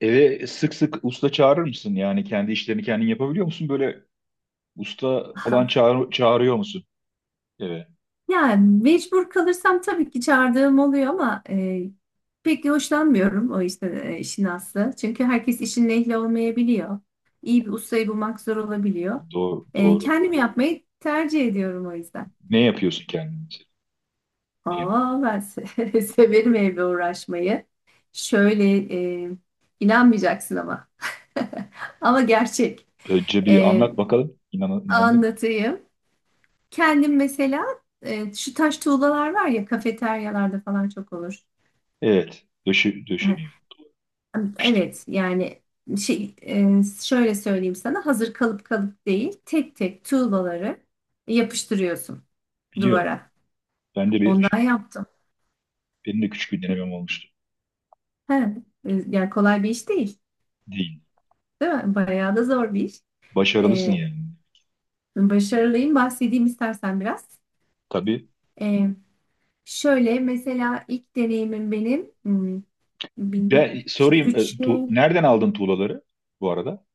Eve sık sık usta çağırır mısın? Yani kendi işlerini kendin yapabiliyor musun? Böyle usta falan Aha. çağırıyor musun eve? Yani mecbur kalırsam tabii ki çağırdığım oluyor ama pek hoşlanmıyorum o işte işin aslı. Çünkü herkes işin ehli olmayabiliyor. İyi bir ustayı bulmak zor olabiliyor. Doğru, doğru. Kendim yapmayı tercih ediyorum o yüzden. Ne yapıyorsun kendin için? Ne yapıyorsun? Aa, severim evle uğraşmayı. Şöyle e, inanmayacaksın ama. Ama gerçek. Önce bir E, anlat bakalım. İnan, inandın mı? Anlatayım. Kendim mesela şu taş tuğlalar var ya kafeteryalarda falan çok olur. Evet. Döşü, döşeniyor. Yapıştırılıyor. Evet yani şöyle söyleyeyim sana hazır kalıp kalıp değil tek tek tuğlaları yapıştırıyorsun Biliyorum. duvara. Ben de Ondan bir, yaptım. benim de küçük bir denemem olmuştu. He, yani kolay bir iş değil, Değil. değil mi? Bayağı da zor bir iş. Başarılısın E, yani. Başarılıyım. Bahsedeyim istersen biraz. Tabii. E, Şöyle mesela ilk deneyimim benim bir, Ben işte sorayım. e, 3. tu- nereden aldın tuğlaları bu arada?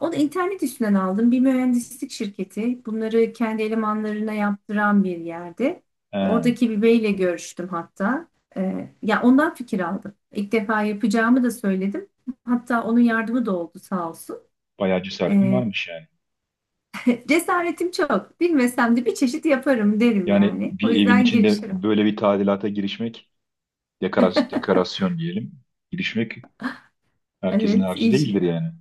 Onu internet üstünden aldım. Bir mühendislik şirketi. Bunları kendi elemanlarına yaptıran bir yerde. He, Oradaki bir beyle görüştüm hatta. Ya ondan fikir aldım. İlk defa yapacağımı da söyledim. Hatta onun yardımı da oldu sağ olsun. bayağı cesaretin Ee, varmış yani. Cesaretim çok. Bilmesem de bir çeşit yaparım derim Yani yani. bir O evin yüzden içinde girişirim. böyle bir tadilata girişmek dekorasyon, dekorasyon diyelim. Girişmek herkesin Evet, harcı değildir yani.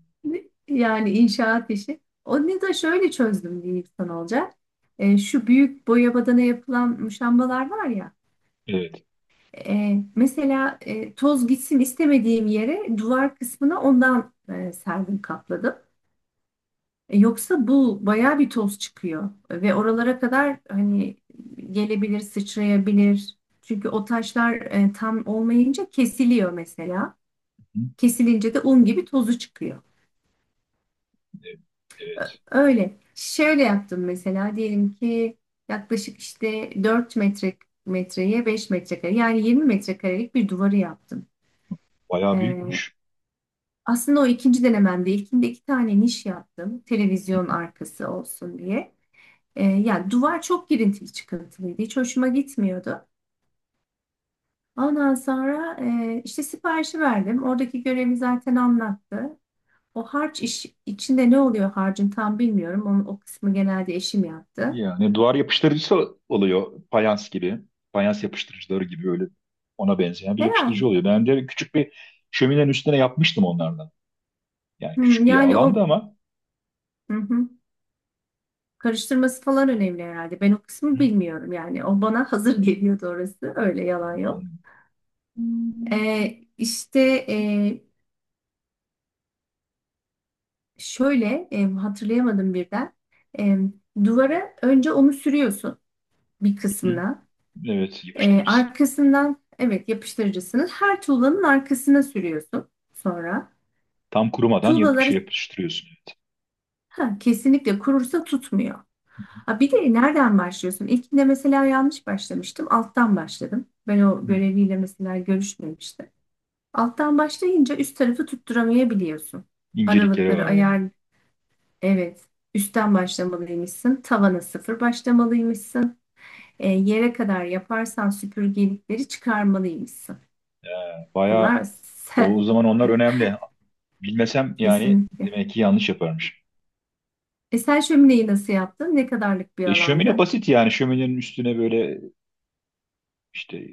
yani inşaat işi. Onu da şöyle çözdüm diyeyim sana olacak. Şu büyük boya badana yapılan muşambalar var ya. Evet. Mesela toz gitsin istemediğim yere duvar kısmına ondan serdim kapladım. Yoksa bu bayağı bir toz çıkıyor ve oralara kadar hani gelebilir, sıçrayabilir. Çünkü o taşlar tam olmayınca kesiliyor mesela. Hı, Kesilince de un gibi tozu çıkıyor. evet. Evet. Öyle. Şöyle yaptım mesela diyelim ki yaklaşık işte 4 metre metreye 5 metrekare, yani 20 metrekarelik bir duvarı yaptım. Bayağı Ee, büyükmüş. Aslında o ikinci denememde, ilkinde iki tane niş yaptım. Televizyon arkası olsun diye. Yani duvar çok girintili çıkıntılıydı. Hiç hoşuma gitmiyordu. Ondan sonra işte siparişi verdim. Oradaki görevi zaten anlattı. O harç iş, içinde ne oluyor harcın tam bilmiyorum. Onun, o kısmı genelde eşim yaptı. Yani duvar yapıştırıcısı oluyor. Fayans gibi. Fayans yapıştırıcıları gibi öyle ona benzeyen bir Herhalde. yapıştırıcı oluyor. Ben de küçük bir şöminenin üstüne yapmıştım onlardan. Yani Hmm, küçük bir yani alanda o, ama hı hı. Karıştırması falan önemli herhalde. Ben o hı, kısmı bilmiyorum yani. O bana hazır geliyordu orası. Öyle yalan yok. anladım. İşte e, şöyle hatırlayamadım birden. Em, Duvara önce onu sürüyorsun bir Hı, kısmına. evet yapıştırıcısı. Arkasından, evet, yapıştırıcısını her tuğlanın arkasına sürüyorsun sonra. Tam kurumadan yap Tuğlaları, şey yapıştırıyorsun. Evet. ha, kesinlikle kurursa tutmuyor. Ha, bir de nereden başlıyorsun? İlkinde mesela yanlış başlamıştım. Alttan başladım. Ben o Hı, göreviyle mesela görüşmemiştim. Alttan başlayınca üst tarafı tutturamayabiliyorsun. incelikleri var yani. Aralıkları. Evet. Üstten başlamalıymışsın. Tavana sıfır başlamalıymışsın. Yere kadar yaparsan süpürgelikleri çıkarmalıymışsın. Bayağı Bunlar o zaman onlar önemli. Bilmesem yani kesinlikle. demek ki yanlış yaparmış. Sen şömineyi nasıl yaptın? Ne kadarlık bir Şömine alandı? basit yani şöminenin üstüne böyle işte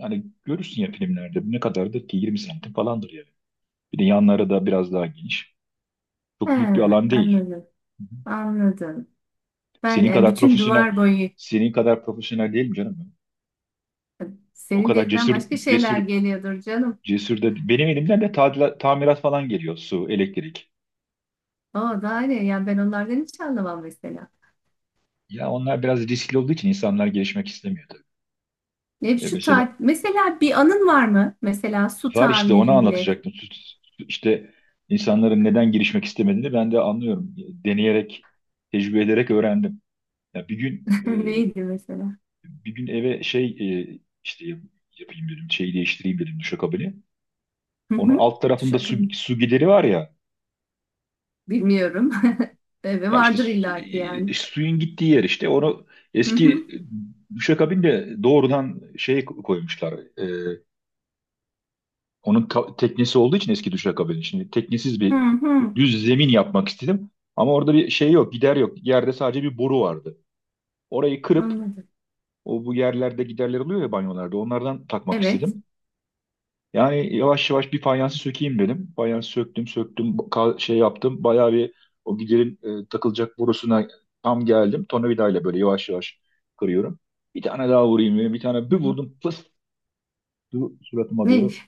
hani görürsün ya filmlerde ne kadardır ki 20 santim falandır yani. Bir de yanları da biraz daha geniş. He, Çok büyük bir alan değil. anladım. Hı hı. Anladım. Ben Senin yani kadar bütün profesyonel duvar boyu. senin kadar profesyonel değilim canım ben. O Senin kadar dilinden cesur başka cesur şeyler geliyordur canım. cesur da benim elimden de tamirat falan geliyor su, elektrik. O daha ne? Yani ben onlardan hiç anlamam mesela. Ya onlar biraz riskli olduğu için insanlar gelişmek istemiyor tabii. Ne E, şu mesela ta mesela, bir anın var mı? Mesela su var işte onu tamiriyle anlatacaktım. İşte insanların neden girişmek istemediğini ben de anlıyorum. Deneyerek, tecrübe ederek öğrendim. Ya bir gün e, neydi mesela? bir gün eve işte yapayım dedim, şeyi değiştireyim dedim duşakabini. Hı Onun hı. alt tarafında Şaka su, mı? su gideri var ya. Bilmiyorum. Bebe Ya işte vardır illaki yani. Suyun gittiği yer işte. Onu Hı eski hı. Duşakabin doğrudan şey koymuşlar. Onun teknesi olduğu için eski duşakabin. Şimdi teknesiz Hı bir hı. düz zemin yapmak istedim. Ama orada bir şey yok, gider yok. Yerde sadece bir boru vardı. Orayı kırıp Anladım. o bu yerlerde giderler oluyor ya banyolarda. Onlardan takmak Evet. istedim. Yani yavaş yavaş bir fayansı sökeyim dedim. Fayansı söktüm, söktüm, şey yaptım. Bayağı bir o giderin takılacak borusuna tam geldim. Tornavidayla böyle yavaş yavaş kırıyorum. Bir tane daha vurayım dedim. Bir tane Hı bir hı. vurdum. Fıs! Suratıma Ne? doğru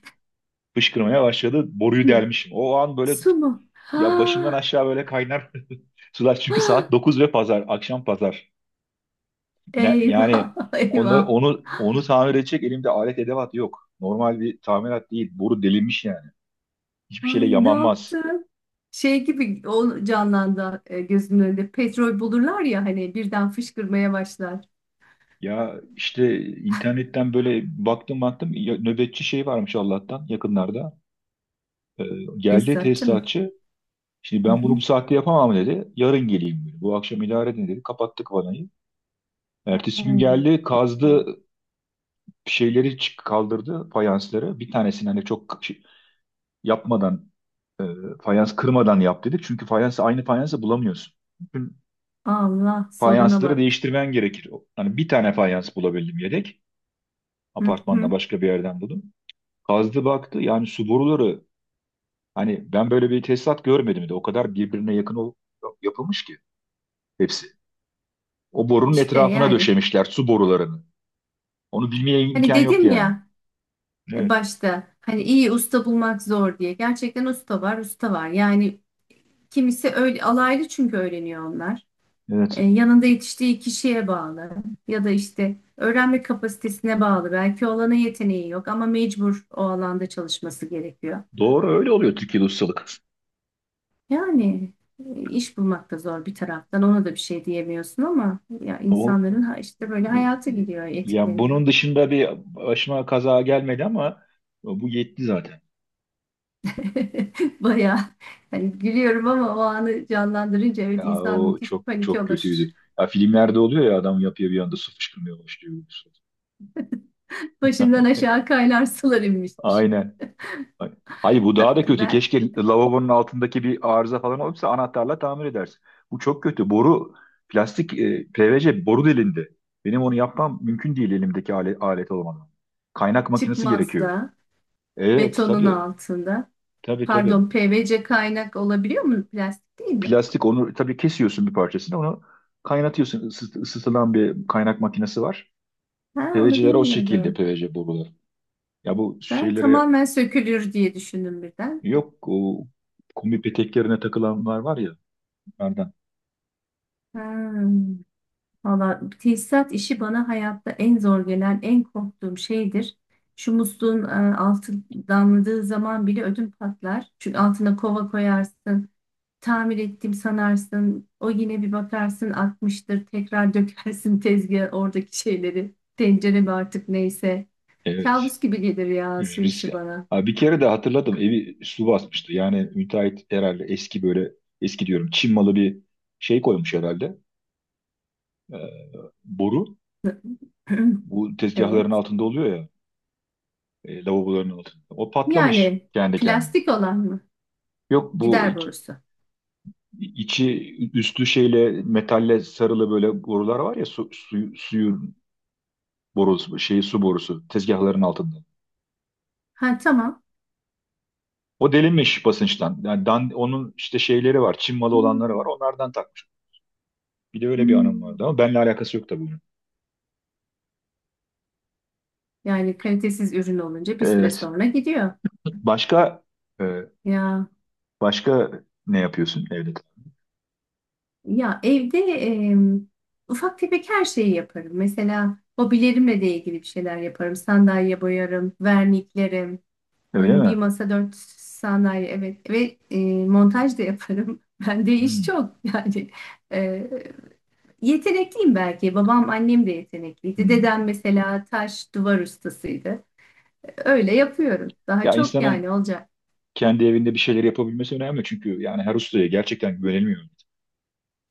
fışkırmaya başladı. Boruyu delmişim. O an böyle. Su mu? Ya başımdan Ha. aşağı böyle kaynar sular çünkü saat Ha. 9 ve pazar, akşam pazar. Ne, Eyvah. yani onu Eyvah. onu onu tamir edecek elimde alet edevat yok. Normal bir tamirat değil. Boru delinmiş yani. Hiçbir şeyle Ay, ne yamanmaz. yaptım? Şey gibi o canlandı gözümün önünde. Petrol bulurlar ya hani, birden fışkırmaya başlar. Ya işte internetten böyle baktım baktım nöbetçi şey varmış Allah'tan yakınlarda. Ee, geldi Tesisatçı mı? tesisatçı. Şimdi Hı ben bunu bu hı. saatte yapamam dedi. Yarın geleyim dedi. Bu akşam idare edin dedi. Kapattık vanayı. Ertesi gün Hmm. geldi kazdı Ay. şeyleri kaldırdı fayansları. Bir tanesini hani çok yapmadan e, fayans kırmadan yap dedi. Çünkü fayansı aynı fayansı bulamıyorsun. Bütün Allah soruna fayansları bak. değiştirmen gerekir. Hani bir tane fayans bulabildim yedek. Hı Apartmanla hı. başka bir yerden buldum. Kazdı baktı yani su boruları hani ben böyle bir tesisat görmedim de o kadar birbirine yakın yapılmış ki hepsi. O borunun İşte etrafına yani. döşemişler su borularını. Onu bilmeye Hani imkan yok dedim yani. ya. Evet. Başta hani iyi usta bulmak zor diye. Gerçekten usta var, usta var. Yani kimisi öyle alaylı, çünkü öğreniyor onlar. Evet. Yanında yetiştiği kişiye bağlı ya da işte öğrenme kapasitesine bağlı. Belki o alana yeteneği yok ama mecbur o alanda çalışması gerekiyor. Doğru öyle oluyor Türkiye'de ustalık. Yani iş bulmak da zor bir taraftan. Ona da bir şey diyemiyorsun ama ya O insanların işte böyle Bu- hayatı gidiyor, Ya etkileniyor. bunun dışında bir başıma kaza gelmedi ama bu yetti zaten. Bayağı, hani gülüyorum ama o anı canlandırınca, evet, Ya insan o müthiş çok panik çok olur. kötüydü. Ya filmlerde oluyor ya adam yapıyor bir anda su fışkırmaya başlıyor. Başından aşağı kaynar sular inmiştir. Aynen. Hayır bu daha Ben, da kötü. ben Keşke lavabonun altındaki bir arıza falan olursa anahtarla tamir edersin. Bu çok kötü. Boru plastik, PVC boru delindi. Benim onu yapmam mümkün değil elimdeki alet olmadan. Kaynak makinesi çıkmaz gerekiyor. da Evet betonun tabii. altında. Tabii tabii. Pardon, PVC kaynak olabiliyor mu? Plastik değil mi? Plastik onu tabii kesiyorsun bir parçasını onu kaynatıyorsun. Isıtılan bir kaynak makinesi var. Ha, onu PVC'ler o şekilde bilmiyordum. PVC boruları. Ya bu Ben şeylere tamamen sökülür diye düşündüm birden. yok o kombi peteklerine takılanlar var ya onlardan. Ha. Valla, tesisat işi bana hayatta en zor gelen, en korktuğum şeydir. Şu musluğun altı damladığı zaman bile ödüm patlar. Çünkü altına kova koyarsın, tamir ettim sanarsın. O yine bir bakarsın atmıştır, tekrar dökersin tezgah oradaki şeyleri. Tencere mi artık, neyse. Evet. Kabus gibi gelir ya Evet, su biz, işi bana. ha, bir kere de hatırladım evi su basmıştı. Yani müteahhit herhalde eski böyle eski diyorum Çin malı bir şey koymuş herhalde. Ee, boru. Bu tezgahların Evet. altında oluyor ya. Lavaboların altında. O patlamış Yani kendi kendine. plastik olan mı? Yok bu Gider borusu. içi üstü şeyle metalle sarılı böyle borular var ya su, suyu, suyun borusu şeyi su borusu tezgahların altında. Ha, tamam. O delinmiş basınçtan. Yani, onun işte şeyleri var. Çin malı olanları var. Hmm. Onlardan takmış. Bir de öyle bir anım Hmm. vardı ama benimle alakası yok tabii bunun. Yani kalitesiz ürün olunca bir süre Evet. sonra gidiyor. Başka e, Ya başka ne yapıyorsun evde? ya evde e, ufak tefek her şeyi yaparım. Mesela hobilerimle de ilgili bir şeyler yaparım. Sandalye boyarım, verniklerim, Öyle mi? bir masa dört sandalye, evet, ve montaj da yaparım. Bende iş Hmm, çok yani e, yetenekliyim belki. Babam annem de yetenekliydi. hmm. Dedem mesela taş duvar ustasıydı. Öyle yapıyorum. Daha Ya çok yani insanın olacak. kendi evinde bir şeyler yapabilmesi önemli çünkü yani her ustaya gerçekten güvenilmiyor.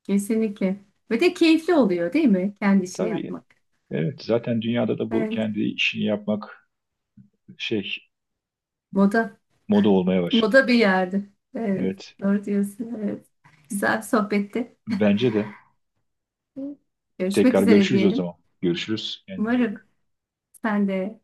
Kesinlikle. Ve de keyifli oluyor değil mi? Kendi işini Tabii. yapmak. Evet, zaten dünyada da bu Evet. kendi işini yapmak şey Moda. moda olmaya başladı. Moda bir yerde. Evet. Evet. Doğru diyorsun. Evet. Güzel bir sohbetti. Bence de. Görüşmek Tekrar üzere görüşürüz o diyelim. zaman. Görüşürüz. Kendine iyi Umarım bak. sen de